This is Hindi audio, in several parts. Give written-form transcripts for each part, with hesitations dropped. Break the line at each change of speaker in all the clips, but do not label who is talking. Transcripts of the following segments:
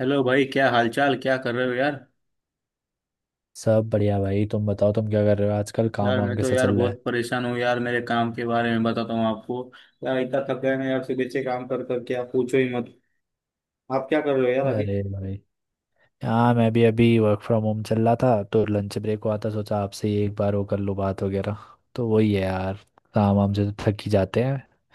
हेलो भाई, क्या हालचाल? क्या कर रहे हो यार?
सब बढ़िया भाई। तुम बताओ, तुम क्या कर रहे हो आजकल? काम
यार
वाम
मैं तो
कैसा
यार
चल रहा
बहुत परेशान हूँ यार, मेरे काम के बारे में बताता हूँ आपको। यार इतना थक गए मैं यार, सुबह से काम कर करके, आप पूछो ही मत। आप क्या कर रहे हो
है?
यार अभी?
अरे भाई, हाँ, मैं भी अभी वर्क फ्रॉम होम चल रहा था तो लंच ब्रेक हुआ था। सोचा आपसे ही एक बार वो कर लो, बात वगैरह। तो वही है यार, काम वाम से तो थक ही जाते हैं।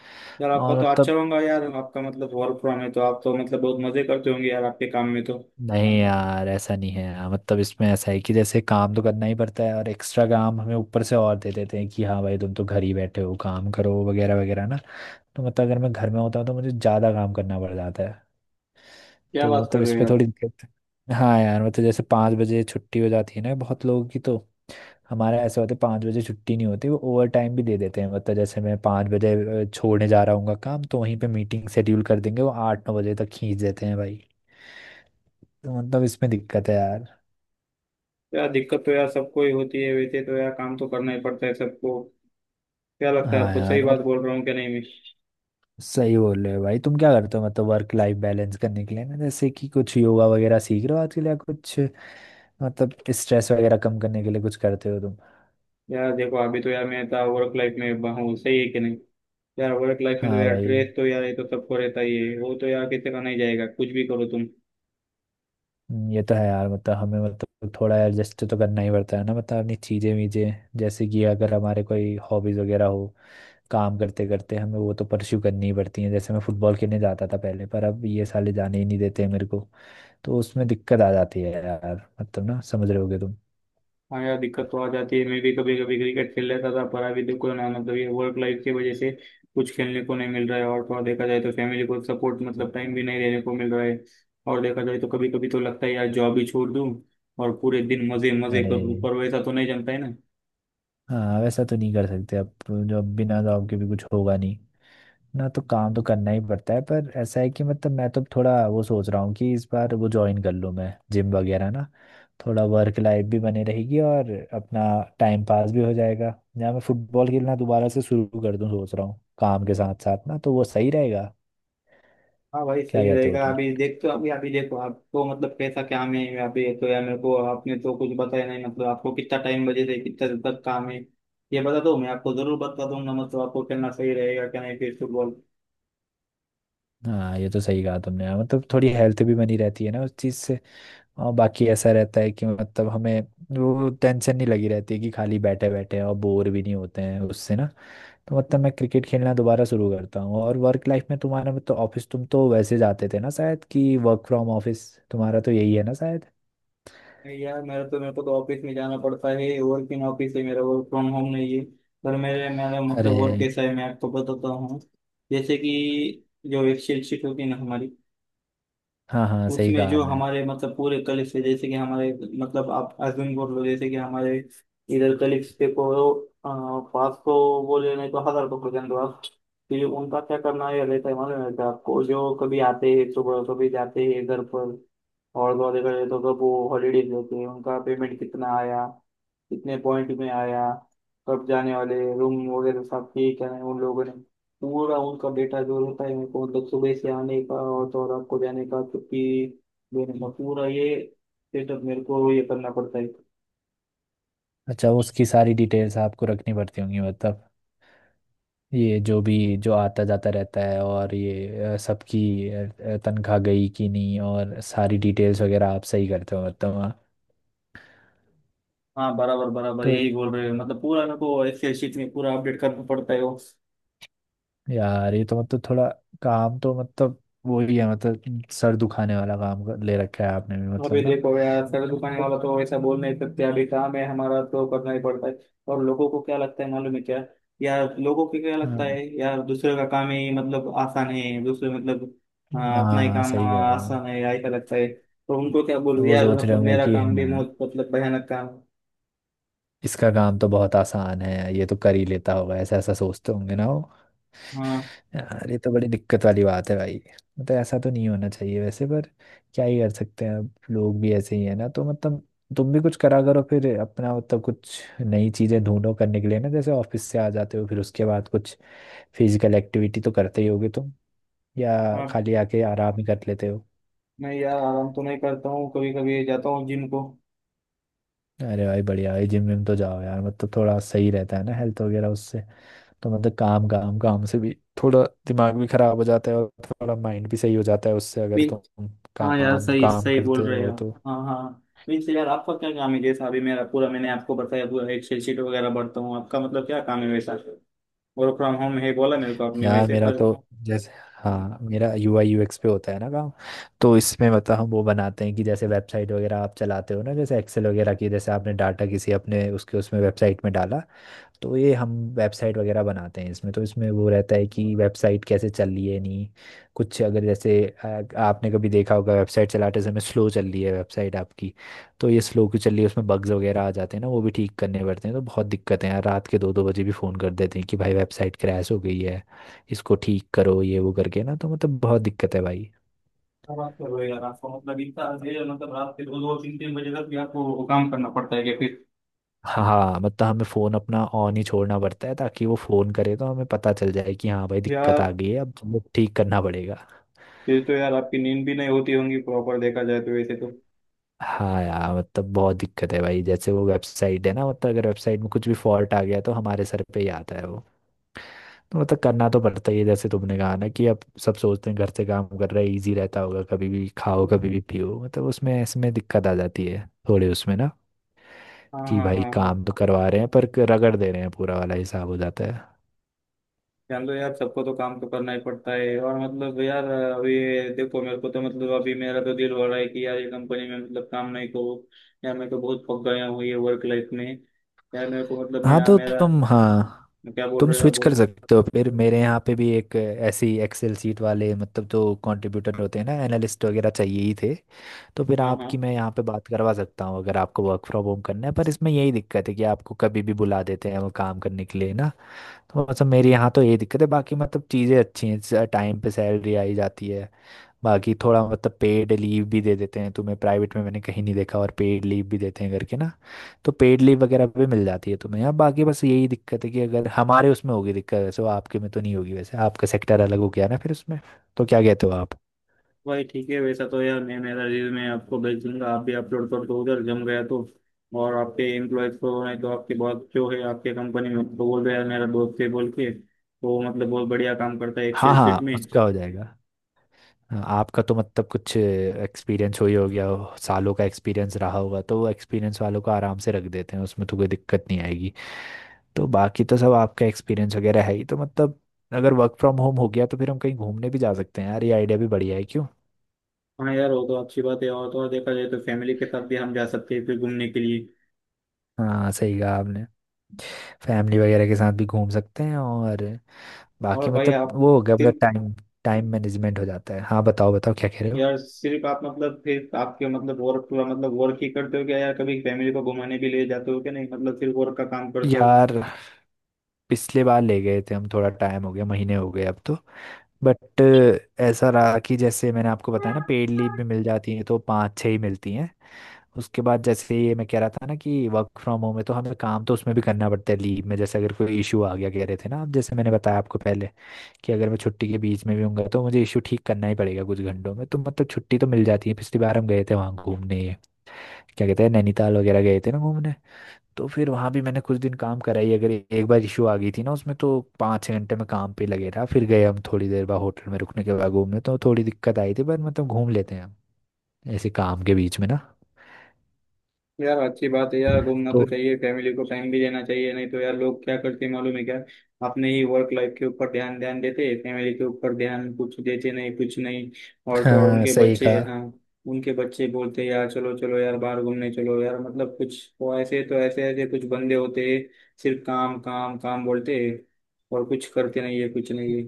यार आपका
और
तो अच्छा
मतलब
होगा यार, आपका मतलब वर्क फ्रॉम है तो आप तो मतलब बहुत मजे करते होंगे यार आपके काम में तो।
नहीं यार, ऐसा नहीं है यार। मतलब इसमें ऐसा है कि जैसे काम तो करना ही पड़ता है और एक्स्ट्रा काम हमें ऊपर से और दे देते हैं कि हाँ भाई, तुम तो घर ही बैठे हो, काम करो वगैरह वगैरह ना। तो मतलब अगर मैं घर में होता हूँ तो मुझे ज़्यादा काम करना पड़ जाता है।
क्या
तो
बात कर
मतलब
रहे
इस
हो
पे
यार!
थोड़ी दिक्कत है। हाँ यार, मतलब जैसे 5 बजे छुट्टी हो जाती है ना बहुत लोगों की, तो हमारा ऐसा होता है 5 बजे छुट्टी नहीं होती। वो ओवर टाइम भी दे देते हैं। मतलब जैसे मैं 5 बजे छोड़ने जा रहा हूँ काम, तो वहीं पे मीटिंग शेड्यूल कर देंगे। वो 8-9 बजे तक खींच देते हैं भाई। तो मतलब इसमें दिक्कत है यार।
यार दिक्कत तो यार सबको ही होती है, वैसे तो यार काम तो करना ही पड़ता है सबको। क्या लगता है
हाँ
आपको, सही
यार,
बात
अब
बोल रहा हूँ क्या नहीं मैं?
सही बोल रहे हो भाई। तुम क्या करते हो मतलब वर्क लाइफ बैलेंस करने के लिए ना? जैसे कि कुछ योगा वगैरह सीख रहे हो आजकल या कुछ, मतलब स्ट्रेस वगैरह कम करने के लिए कुछ करते हो तुम?
यार देखो, अभी तो यार मैं इतना वर्क लाइफ में हूँ, सही है कि नहीं? यार वर्क लाइफ में तो
हाँ
यार
भाई।
स्ट्रेस तो यार ये तो सबको रहता ही है, वो तो यार किसी का नहीं जाएगा कुछ भी करो तुम।
ये तो है यार। मतलब हमें मतलब थोड़ा एडजस्ट तो करना ही पड़ता है ना, मतलब अपनी चीज़ें वीजें। जैसे कि अगर हमारे कोई हॉबीज़ वगैरह हो, काम करते करते हमें वो तो परस्यू करनी ही पड़ती है। जैसे मैं फुटबॉल खेलने जाता था पहले पर अब ये साले जाने ही नहीं देते हैं मेरे को। तो उसमें दिक्कत आ जाती है यार। मतलब ना, समझ रहे होगे तुम।
हाँ यार दिक्कत तो आ जाती है, मैं भी कभी कभी क्रिकेट खेल लेता था, पर अभी देखो ना मतलब ये वर्क लाइफ की वजह से कुछ खेलने को नहीं मिल रहा है, और थोड़ा देखा जाए तो फैमिली को सपोर्ट मतलब टाइम भी नहीं देने को मिल रहा है। और देखा जाए तो कभी कभी तो लगता है यार जॉब ही छोड़ दूँ और पूरे दिन मजे मजे कर
अरे
लूँ, पर वैसा तो नहीं जमता है ना।
हाँ, वैसा तो नहीं कर सकते अब तो। जो अब बिना जॉब के भी कुछ होगा नहीं ना, तो काम तो करना ही पड़ता है। पर ऐसा है कि मतलब मैं तो थोड़ा वो सोच रहा हूँ कि इस बार वो ज्वाइन कर लूँ मैं जिम वगैरह ना। थोड़ा वर्क लाइफ भी बनी रहेगी और अपना टाइम पास भी हो जाएगा, या मैं फुटबॉल खेलना दोबारा से शुरू कर दूँ। सोच रहा हूँ काम के साथ साथ ना, तो वो सही रहेगा।
हाँ भाई
क्या
सही
कहते हो
रहेगा।
तुम?
अभी देखते हो, अभी अभी देखो आपको मतलब कैसा क्या में है, अभी तो यार मेरे को आपने तो कुछ बताया नहीं, मतलब आपको कितना टाइम बजे से कितना देर तक काम है ये बता दो, मैं आपको जरूर बता दूंगा, मतलब आपको खेलना सही रहेगा क्या नहीं फिर फुटबॉल।
हाँ, ये तो सही कहा तुमने। हाँ, मतलब थोड़ी हेल्थ भी बनी रहती है ना उस चीज़ से। और बाकी ऐसा रहता है कि मतलब हमें वो टेंशन नहीं लगी रहती है कि खाली बैठे बैठे हैं, और बोर भी नहीं होते हैं उससे ना। तो मतलब मैं क्रिकेट खेलना दोबारा शुरू करता हूँ। और वर्क लाइफ में तुम्हारा मतलब तो ऑफिस, तुम तो वैसे जाते थे ना शायद, कि वर्क फ्रॉम ऑफिस तुम्हारा तो यही है ना शायद।
नहीं यार मेरा तो, मेरे को तो ऑफिस में जाना पड़ता है, वर्किंग ऑफिस है मेरा, वर्क फ्रॉम होम नहीं है। पर मेरे मेरा मतलब
अरे
वर्क कैसा है मैं आपको बताता हूँ। जैसे कि जो एक्सेल शीट होती है ना हमारी,
हाँ, हाँ सही
उसमें
कहा
जो
आपने।
हमारे मतलब पूरे कलीग्स है, जैसे कि हमारे मतलब आप अज्यूम कर लो, जैसे कि हमारे इधर कलीग्स पे को पाँच सौ, बोले नहीं तो हजार को प्रेजेंट आप। फिर उनका क्या करना ये रहता है मालूम है क्या आपको? जो कभी आते हैं सुबह, कभी जाते हैं घर पर, और दो आधे घंटे तो कब वो हॉलीडेज लेते हैं, उनका पेमेंट कितना आया, कितने पॉइंट में आया, कब जाने वाले, रूम वगैरह सब ठीक है उन लोगों ने, पूरा उनका डेटा जो होता है उनको, मतलब सुबह से आने का और तो और आपको जाने का, छुट्टी देने का, पूरा ये सेटअप मेरे को ये करना पड़ता है।
अच्छा, उसकी सारी डिटेल्स आपको रखनी पड़ती होंगी मतलब, ये जो भी जो आता जाता रहता है, और ये सबकी अ, तनख्वाह गई कि नहीं और सारी डिटेल्स वगैरह आप सही करते हो मतलब, हाँ।
हाँ, बराबर बराबर
तो
यही बोल रहे हो, मतलब पूरा मेरे को एक्सेल शीट में पूरा अपडेट करना पड़ता है।
यार, ये तो मतलब थोड़ा काम तो मतलब वो ही है। मतलब सर दुखाने वाला काम ले रखा है आपने भी
अभी
मतलब ना।
देखो यार, सर दुकाने वाला तो ऐसा बोल नहीं सकते, अभी काम है हमारा तो करना ही पड़ता है। और लोगों को क्या लगता है मालूम है क्या? यार लोगों को क्या लगता
हाँ,
है, यार दूसरे का काम ही मतलब आसान है, दूसरे मतलब। हाँ, अपना ही
हाँ,
काम
सही कह
हाँ,
रहे हो।
आसान है, ऐसा लगता है। तो उनको क्या बोलूं
वो
यार,
सोच रहे
मतलब
होंगे
मेरा
कि
काम भी
हाँ,
बहुत मतलब भयानक काम है।
इसका काम तो बहुत आसान है, ये तो कर ही लेता होगा, ऐसा ऐसा सोचते होंगे ना वो।
हाँ,
यार, ये तो बड़ी दिक्कत वाली बात है भाई। मतलब ऐसा तो नहीं होना चाहिए वैसे, पर क्या ही कर सकते हैं, अब लोग भी ऐसे ही है ना, तो मतलब तुम भी कुछ करा करो फिर अपना, मतलब कुछ नई चीजें ढूंढो करने के लिए ना। जैसे ऑफिस से आ जाते हो फिर उसके बाद कुछ फिजिकल एक्टिविटी तो करते ही होगे तुम, या
हाँ।
खाली आके आराम ही कर लेते हो?
मैं यार आराम तो नहीं करता हूँ, कभी कभी जाता हूँ जिम को।
अरे भाई, बढ़िया भाई। जिम विम तो जाओ यार, मतलब थोड़ा सही रहता है ना हेल्थ वगैरह उससे। तो मतलब काम काम काम से भी थोड़ा दिमाग भी खराब हो जाता है, और थोड़ा माइंड भी सही हो जाता है उससे, अगर तुम
हाँ यार,
काम
सही
काम
सही बोल
करते
रहे
रहो
हो।
तो।
हाँ, हाँ। वैसे यार आपका क्या काम है? जैसा अभी मेरा पूरा मैंने आपको बताया, पूरा एक्सेल शीट वगैरह भरता हूँ, आपका मतलब क्या काम है वैसा? वर्क फ्रॉम होम है बोला मेरे को आपने
यार
वैसे,
मेरा
पर
तो जैसे, हाँ, मेरा UI UX पे होता है ना काम। तो इसमें मतलब हम वो बनाते हैं कि जैसे वेबसाइट वगैरह आप चलाते हो ना, जैसे एक्सेल वगैरह की जैसे आपने डाटा किसी अपने उसके उसमें वेबसाइट में डाला। तो ये हम वेबसाइट वगैरह बनाते हैं इसमें। तो इसमें वो रहता है कि वेबसाइट कैसे चल रही है, नहीं कुछ अगर, जैसे आ, आपने कभी देखा होगा वेबसाइट चलाते समय स्लो चल रही है वेबसाइट आपकी, तो ये स्लो क्यों चल रही है, उसमें बग्स वगैरह आ जाते हैं ना, वो भी ठीक करने पड़ते हैं। तो बहुत दिक्कतें हैं, रात के 2-2 बजे भी फ़ोन कर देते हैं कि भाई वेबसाइट क्रैश हो गई है, इसको ठीक करो, ये वो करके ना। तो मतलब बहुत दिक्कत है भाई।
क्या बात कर रहे हो यार! आपको मतलब इतना है, मतलब रात के दो दो तीन तीन बजे तक भी आपको वो काम करना पड़ता है क्या फिर?
हाँ, मतलब हमें फ़ोन अपना ऑन ही छोड़ना पड़ता है ताकि वो फ़ोन करे तो हमें पता चल जाए कि हाँ भाई, दिक्कत आ
यार,
गई है, अब हमें ठीक करना पड़ेगा।
फिर तो यार आपकी नींद भी नहीं होती होंगी प्रॉपर, देखा जाए तो वैसे तो।
हाँ यार, मतलब बहुत दिक्कत है भाई। जैसे वो वेबसाइट है ना, मतलब अगर वेबसाइट में कुछ भी फॉल्ट आ गया तो हमारे सर पे ही आता है वो। तो मतलब करना तो पड़ता ही है। जैसे तुमने कहा ना कि अब सब सोचते हैं घर से काम कर रहे हैं, इजी रहता होगा, कभी भी खाओ कभी भी पियो, मतलब उसमें इसमें दिक्कत आ जाती है थोड़े उसमें ना,
हाँ,
कि
हाँ,
भाई
हाँ, हाँ।
काम तो करवा रहे हैं पर रगड़ दे रहे हैं, पूरा वाला हिसाब हो जाता है।
जान लो यार सबको तो काम तो करना ही पड़ता है, और मतलब यार अभी देखो, मेरे को तो मतलब अभी मेरा तो दिल हो रहा है कि यार ये कंपनी में मतलब काम नहीं करूँ। यार मैं तो बहुत पक गया हूँ ये वर्क लाइफ में। यार मेरे को मतलब
हाँ
मैं
तो
मेरा
तुम, हाँ,
क्या बोल
तुम
रहे हो यार
स्विच कर
बोले।
सकते हो फिर। मेरे यहाँ पे भी एक ऐसी एक्सेल सीट वाले, मतलब जो कंट्रीब्यूटर होते हैं ना, एनालिस्ट वगैरह चाहिए ही थे। तो फिर
हाँ,
आपकी
हाँ।
मैं यहाँ पे बात करवा सकता हूँ, अगर आपको वर्क फ्रॉम होम करना है। पर इसमें यही दिक्कत है कि आपको कभी भी बुला देते हैं वो काम करने के लिए ना। तो मतलब मेरे यहाँ तो ये दिक्कत है, बाकी मतलब चीज़ें अच्छी हैं, टाइम पे सैलरी आई जाती है। बाकी थोड़ा मतलब पेड लीव भी दे देते हैं तुम्हें। प्राइवेट में मैंने कहीं नहीं देखा और पेड लीव भी देते हैं करके ना। तो पेड लीव वगैरह भी मिल जाती है तुम्हें। अब बाकी बस यही दिक्कत है कि अगर हमारे उसमें होगी दिक्कत वैसे, वो आपके में तो नहीं होगी वैसे, आपका सेक्टर अलग हो गया ना फिर उसमें। तो क्या कहते हो आप?
भाई ठीक है, वैसा तो यार मैं मेरा रिज्यूमे आपको भेज दूंगा, आप भी अपलोड कर दो उधर, जम गया तो। और आपके एम्प्लॉयज को, नहीं तो आपके बॉस जो है आपके कंपनी में, तो बोल रहे यार मेरा दोस्त है बोल के तो, मतलब बहुत बढ़िया काम करता है
हाँ,
एक्सेल
हाँ,
शीट
उसका
में।
बिल्कुल हो जाएगा। हाँ, आपका तो मतलब कुछ एक्सपीरियंस हो ही हो गया हो, सालों का एक्सपीरियंस रहा होगा, तो वो एक्सपीरियंस वालों को आराम से रख देते हैं, उसमें तो कोई दिक्कत नहीं आएगी। तो बाकी तो सब आपका एक्सपीरियंस वगैरह है ही, तो मतलब अगर वर्क फ्रॉम होम हो गया तो फिर हम कहीं घूमने भी जा सकते हैं यार। ये आइडिया भी बढ़िया है क्यों?
हाँ यार वो तो अच्छी बात है, और तो और देखा जाए तो फैमिली के साथ भी हम जा सकते हैं फिर घूमने के लिए।
हाँ, सही कहा आपने। फैमिली वगैरह के साथ भी घूम सकते हैं, और बाकी
और भाई
मतलब
आप
वो हो गया, मतलब
सिर्फ,
टाइम, टाइम मैनेजमेंट हो जाता है। हाँ, बताओ बताओ क्या कह रहे हो?
यार सिर्फ आप मतलब फिर आपके मतलब वर्क पूरा मतलब वर्क ही करते हो क्या यार? कभी फैमिली को घुमाने भी ले जाते हो क्या नहीं? मतलब सिर्फ वर्क का काम करते हो?
यार पिछले बार ले गए थे हम, थोड़ा टाइम हो गया, महीने हो गए अब तो। बट ऐसा रहा कि जैसे मैंने आपको बताया ना, पेड लीव भी मिल जाती है तो 5-6 ही मिलती हैं। उसके बाद जैसे ये मैं कह रहा था ना कि वर्क फ्रॉम होम है तो हमें काम तो उसमें भी करना पड़ता है लीव में। जैसे अगर कोई इशू आ गया, कह रहे थे ना आप, जैसे मैंने बताया आपको पहले कि अगर मैं छुट्टी के बीच में भी हूँगा तो मुझे इशू ठीक करना ही पड़ेगा कुछ घंटों में। तो मतलब छुट्टी तो मिल जाती है। पिछली बार हम गए थे वहाँ घूमने, ये क्या कहते हैं, नैनीताल वगैरह गए थे ना घूमने। तो फिर वहाँ भी मैंने कुछ दिन काम करा ही, अगर एक बार इशू आ गई थी ना उसमें, तो 5-6 घंटे में काम पे लगे रहा, फिर गए हम थोड़ी देर बाद होटल में रुकने के बाद घूमने। तो थोड़ी दिक्कत आई थी पर मतलब घूम लेते हैं हम ऐसे काम के बीच में ना।
यार अच्छी बात है यार, घूमना तो
तो
चाहिए, फैमिली को टाइम भी देना चाहिए, नहीं तो यार लोग क्या करते हैं मालूम है क्या? अपने ही वर्क लाइफ के ऊपर ध्यान ध्यान देते हैं, फैमिली के ऊपर ध्यान कुछ देते नहीं कुछ नहीं। और तो और
हाँ,
उनके
सही
बच्चे,
कहा।
हाँ, उनके बच्चे बोलते हैं यार चलो चलो यार बाहर घूमने चलो यार, मतलब कुछ वो ऐसे तो ऐसे ऐसे कुछ बंदे होते हैं, सिर्फ काम काम काम बोलते हैं, और कुछ करते नहीं है कुछ नहीं है।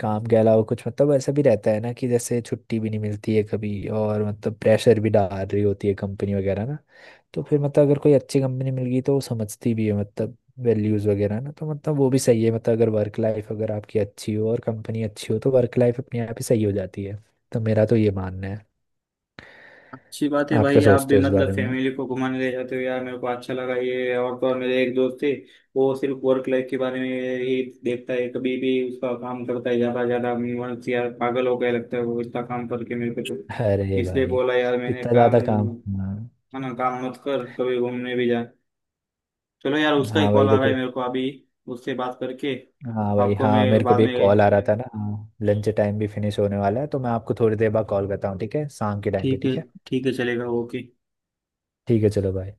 काम के अलावा कुछ मतलब ऐसा भी रहता है ना कि जैसे छुट्टी भी नहीं मिलती है कभी, और मतलब प्रेशर भी डाल रही होती है कंपनी वगैरह ना। तो फिर मतलब अगर कोई अच्छी कंपनी मिल गई तो वो समझती भी है, मतलब वैल्यूज़ वगैरह ना। तो मतलब वो भी सही है, मतलब अगर वर्क लाइफ अगर आपकी अच्छी हो और कंपनी अच्छी हो तो वर्क लाइफ अपने आप ही सही हो जाती है। तो मेरा तो ये मानना है।
अच्छी बात है
आप क्या
भाई आप भी
सोचते हो इस
मतलब
बारे में?
फैमिली को घुमाने ले जाते हो, यार मेरे को अच्छा लगा ये। और तो और मेरे एक दोस्त थे, वो सिर्फ वर्क लाइफ के बारे में ही देखता है, कभी भी उसका काम करता है ज्यादा ज्यादा मन से, यार पागल हो गया लगता है वो इतना काम करके। मेरे को तो
अरे
इसलिए
भाई,
बोला यार मैंने,
इतना
काम
ज़्यादा काम! हाँ।
है ना काम मत कर, कभी घूमने भी जा। चलो यार उसका ही
हाँ
कॉल
भाई,
आ रहा है
देखो।
मेरे को अभी, उससे बात करके
हाँ भाई,
आपको
हाँ,
मैं
मेरे को
बाद
भी
में
एक कॉल आ रहा है था ना। हाँ, लंच टाइम भी फिनिश होने वाला है, तो मैं आपको थोड़ी देर बाद कॉल करता हूँ, ठीक है? शाम के टाइम पे,
ठीक है।
ठीक है।
ठीक है, चलेगा, ओके।
ठीक है, चलो भाई।